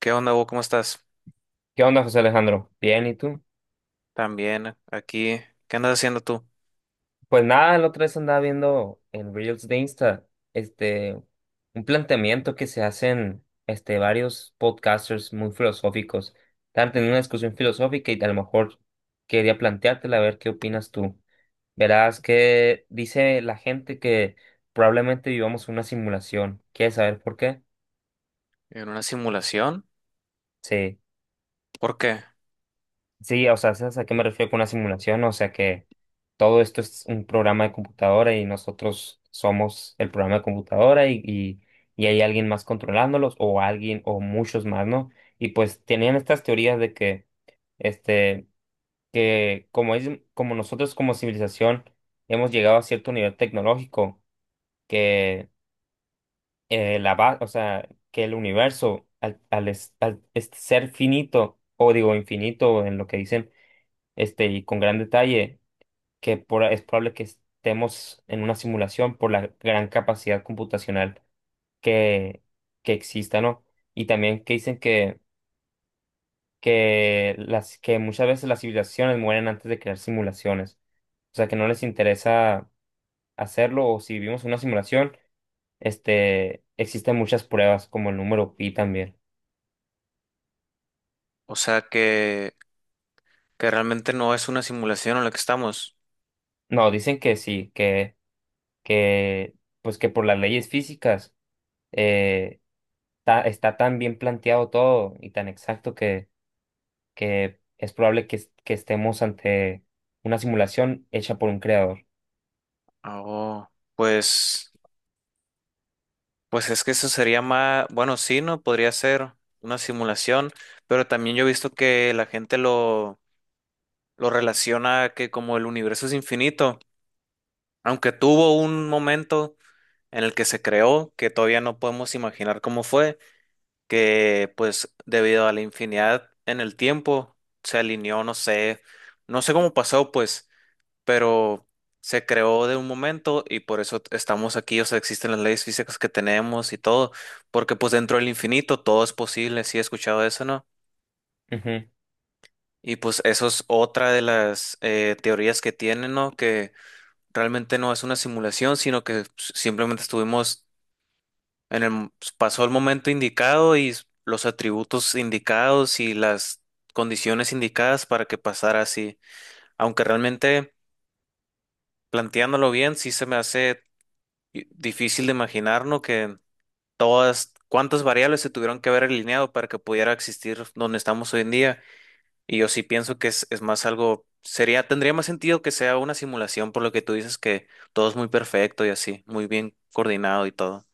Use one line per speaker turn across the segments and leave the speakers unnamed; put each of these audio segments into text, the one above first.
¿Qué onda, Hugo? ¿Cómo estás?
¿Qué onda, José Alejandro? Bien, ¿y tú?
También aquí. ¿Qué andas haciendo tú?
Pues nada, la otra vez andaba viendo en Reels de Insta, este, un planteamiento que se hacen, varios podcasters muy filosóficos. Estaban teniendo una discusión filosófica y a lo mejor quería planteártela, a ver qué opinas tú. Verás que dice la gente que probablemente vivamos una simulación. ¿Quieres saber por qué?
¿En una simulación?
Sí.
¿Por qué?
Sí, o sea, ¿sabes a qué me refiero con una simulación? O sea que todo esto es un programa de computadora y nosotros somos el programa de computadora y hay alguien más controlándolos o alguien o muchos más, ¿no? Y pues tenían estas teorías de que, este, como nosotros como civilización hemos llegado a cierto nivel tecnológico, que la base, o sea, que el universo al ser finito, o digo infinito en lo que dicen y con gran detalle, que es probable que estemos en una simulación por la gran capacidad computacional que, que exista, ¿no? Y también que dicen que, que muchas veces las civilizaciones mueren antes de crear simulaciones, o sea, que no les interesa hacerlo o si vivimos en una simulación, existen muchas pruebas como el número pi también.
O sea, que realmente no es una simulación en la que estamos.
No, dicen que sí, que, pues que por las leyes físicas, eh, está tan bien planteado todo y tan exacto que es probable que estemos ante una simulación hecha por un creador.
Oh, pues, pues es que eso sería más, bueno, sí, ¿no? Podría ser una simulación, pero también yo he visto que la gente lo relaciona a que como el universo es infinito, aunque tuvo un momento en el que se creó, que todavía no podemos imaginar cómo fue que pues debido a la infinidad en el tiempo se alineó, no sé, no sé cómo pasó pues, pero se creó de un momento y por eso estamos aquí, o sea, existen las leyes físicas que tenemos y todo, porque pues dentro del infinito todo es posible, sí he escuchado eso, ¿no?
Ujú.
Y pues eso es otra de las teorías que tienen, ¿no? Que realmente no es una simulación, sino que simplemente estuvimos en el, pasó el momento indicado y los atributos indicados y las condiciones indicadas para que pasara así. Aunque realmente, planteándolo bien, sí se me hace difícil de imaginar, ¿no? Que todas, cuántas variables se tuvieron que haber alineado para que pudiera existir donde estamos hoy en día. Y yo sí pienso que es más algo, sería, tendría más sentido que sea una simulación, por lo que tú dices que todo es muy perfecto y así, muy bien coordinado y todo.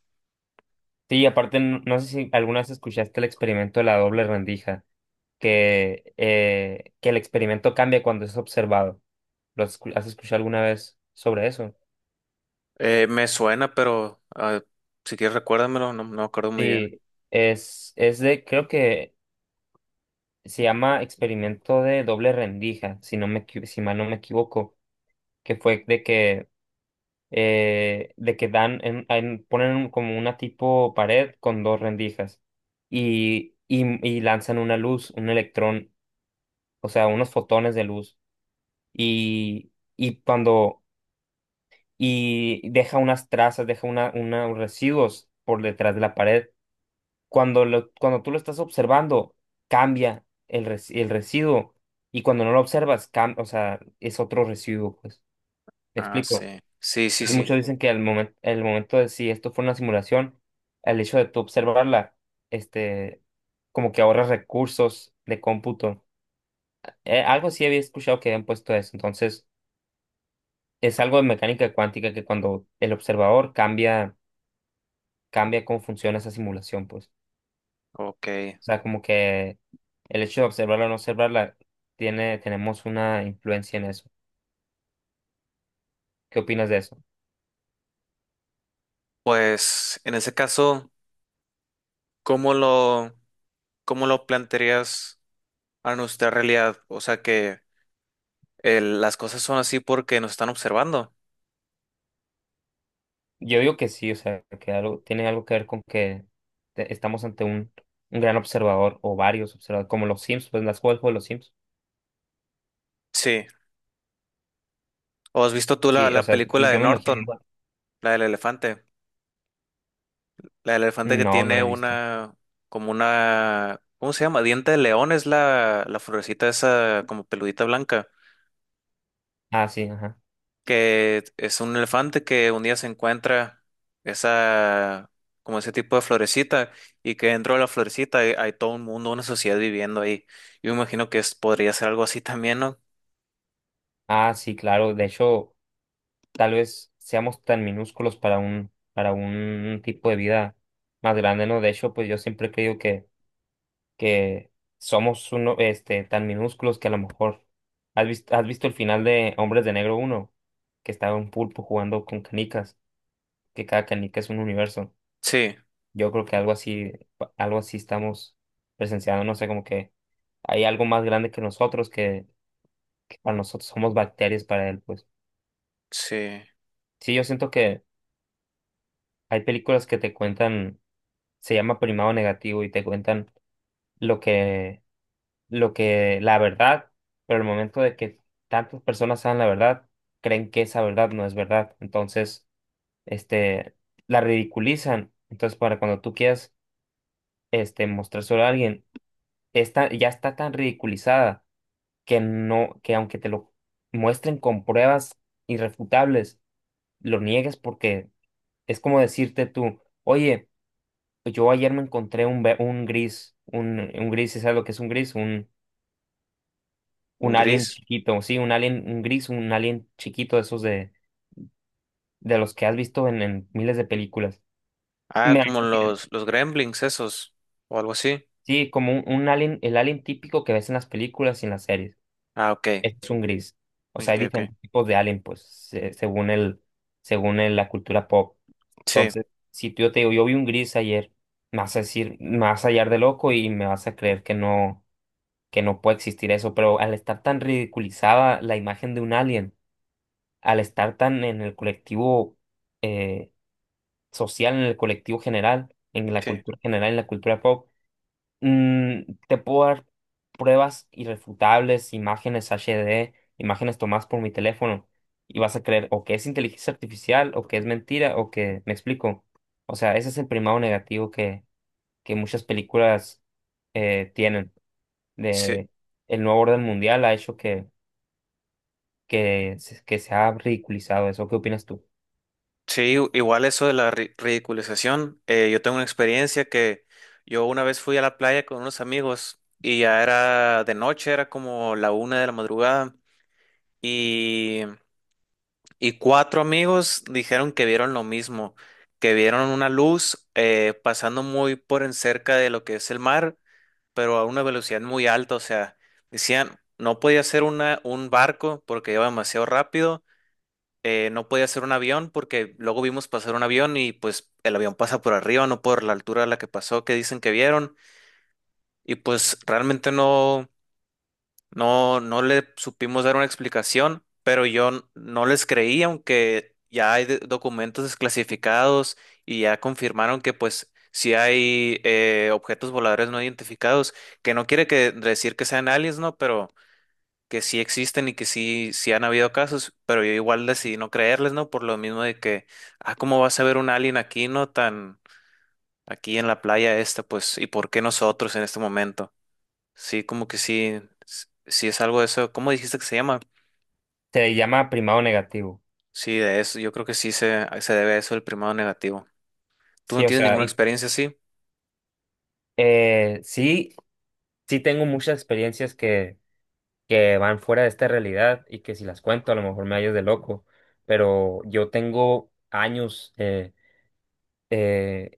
Sí, aparte, no sé si alguna vez escuchaste el experimento de la doble rendija, que el experimento cambia cuando es observado. ¿Lo has escuchado alguna vez sobre eso?
Me suena, pero ah, si quieres recuérdamelo, no, no me acuerdo muy bien.
Sí, es de, creo que se llama experimento de doble rendija, si mal no me equivoco, que fue de que ponen como una tipo pared con dos rendijas y lanzan una luz, un electrón, o sea, unos fotones de luz y, y cuando y deja unas trazas, deja unos residuos por detrás de la pared. Cuando tú lo estás observando, cambia el residuo y cuando no lo observas, o sea, es otro residuo, pues. ¿Me
Ah, sí.
explico?
Sí, sí,
Entonces,
sí.
muchos dicen que el momento de si esto fue una simulación, el hecho de tú observarla, este, como que ahorras recursos de cómputo. Algo sí había escuchado que habían puesto eso. Entonces, es algo de mecánica cuántica que cuando el observador cambia, cambia cómo funciona esa simulación, pues.
Ok.
O sea, como que el hecho de observarla o no observarla, tenemos una influencia en eso. ¿Qué opinas de eso?
Pues en ese caso, ¿cómo lo, ¿cómo lo plantearías a nuestra realidad? O sea que las cosas son así porque nos están observando.
Yo digo que sí, o sea, que algo, tiene algo que ver con que estamos ante un gran observador o varios observadores, como los Sims, pues las juego de los Sims.
Sí. ¿O has visto tú la,
Sí, o
la
sea,
película de
yo me imagino
Norton,
igual.
la del elefante? La del elefante que
No, no
tiene
la he visto.
una, como una, ¿cómo se llama? Diente de león es la florecita esa como peludita blanca,
Ah, sí, ajá.
que es un elefante que un día se encuentra esa, como ese tipo de florecita y que dentro de la florecita hay, hay todo un mundo, una sociedad viviendo ahí. Yo me imagino que es, podría ser algo así también, ¿no?
Ah, sí, claro. De hecho, tal vez seamos tan minúsculos para un tipo de vida más grande, ¿no? De hecho, pues yo siempre he creído que somos uno, tan minúsculos que a lo mejor has visto el final de Hombres de Negro uno que estaba un pulpo jugando con canicas, que cada canica es un universo.
Sí,
Yo creo que algo así, algo así estamos presenciando, no sé, como que hay algo más grande que nosotros, que para nosotros somos bacterias para él, pues.
sí,
Sí, yo siento que hay películas que te cuentan, se llama primado negativo y te cuentan lo que, la verdad, pero el momento de que tantas personas saben la verdad, creen que esa verdad no es verdad. Entonces, este, la ridiculizan. Entonces, para cuando tú quieras, mostrárselo a alguien ya está tan ridiculizada que no, que aunque te lo muestren con pruebas irrefutables, lo niegues porque es como decirte tú, oye, pues yo ayer me encontré un gris, ¿sabes lo que es un gris? Un,
un
un alien
gris.
chiquito, sí, un alien, un gris, un alien chiquito de esos de, los que has visto en miles de películas.
Ah,
Me
como
hace tirar.
los gremlins esos o algo así.
Sí, como un alien, el alien típico que ves en las películas y en las series.
Ah, ok,
Este es un gris. O sea, hay
ok, ok.
diferentes tipos de alien, pues, según la cultura pop.
Sí,
Entonces, si tú- yo te digo, yo vi un gris ayer, me vas a hallar de loco y me vas a creer que no puede existir eso. Pero al estar tan ridiculizada la imagen de un alien, al estar tan en el colectivo eh, social, en el colectivo general, en la
sí,
cultura general, en la cultura pop Mm, te puedo dar pruebas irrefutables, imágenes HD, imágenes tomadas por mi teléfono, y vas a creer o que es inteligencia artificial, o que es mentira, o que me explico. O sea, ese es el primado negativo que muchas películas tienen.
sí.
De, el nuevo orden mundial ha hecho que, que se ha ridiculizado eso. ¿Qué opinas tú?
Sí, igual eso de la ridiculización. Yo tengo una experiencia que yo una vez fui a la playa con unos amigos y ya era de noche, era como la una de la madrugada y, y cuatro amigos dijeron que vieron lo mismo, que vieron una luz pasando muy por en cerca de lo que es el mar, pero a una velocidad muy alta. O sea, decían, no podía ser una, un barco porque iba demasiado rápido, no podía ser un avión porque luego vimos pasar un avión y pues el avión pasa por arriba, no por la altura a la que pasó, que dicen que vieron. Y pues realmente no, no, no le supimos dar una explicación, pero yo no les creí, aunque ya hay documentos desclasificados y ya confirmaron que pues si hay objetos voladores no identificados, que no quiere que decir que sean aliens, ¿no? Pero que sí existen y que sí, sí han habido casos, pero yo igual decidí no creerles, ¿no? Por lo mismo de que, ah, ¿cómo vas a ver un alien aquí, no? Tan aquí en la playa esta, pues, ¿y por qué nosotros en este momento? Sí, como que sí, sí es algo de eso. ¿Cómo dijiste que se llama?
Se llama primado negativo.
Sí, de eso, yo creo que sí se debe a eso el primado negativo. ¿Tú no
Sí, o
tienes
sea,
ninguna experiencia así?
eh, sí, sí tengo muchas experiencias que van fuera de esta realidad y que si las cuento a lo mejor me hallas de loco, pero yo tengo años eh,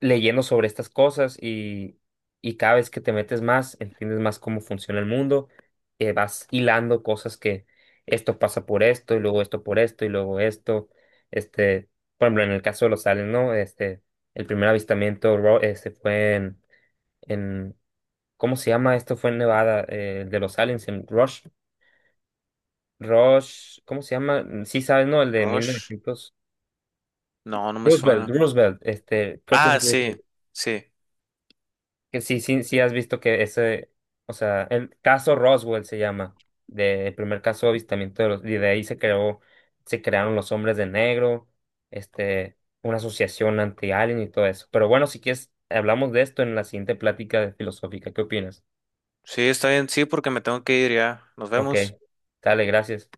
leyendo sobre estas cosas y cada vez que te metes más, entiendes más cómo funciona el mundo, vas hilando cosas que esto pasa por esto y luego esto por esto y luego esto, este, por ejemplo, en el caso de los aliens, ¿no? El primer avistamiento fue en, ¿cómo se llama? Esto fue en Nevada, el de los aliens en Rush. Rush, ¿cómo se llama? Sí sabes, ¿no? El de
Rush,
1900.
no, no me
Roosevelt,
suena.
Roosevelt, creo que
Ah,
es
sí,
Roosevelt.
sí,
Que sí, sí, sí has visto que ese, o sea, el caso Roswell se llama, el primer caso de avistamiento y de ahí se crearon los Hombres de Negro, este, una asociación anti-alien y todo eso. Pero bueno, si quieres, hablamos de esto en la siguiente plática de filosófica. ¿Qué opinas?
sí, está bien, sí, porque me tengo que ir ya. Nos
Ok,
vemos.
dale, gracias.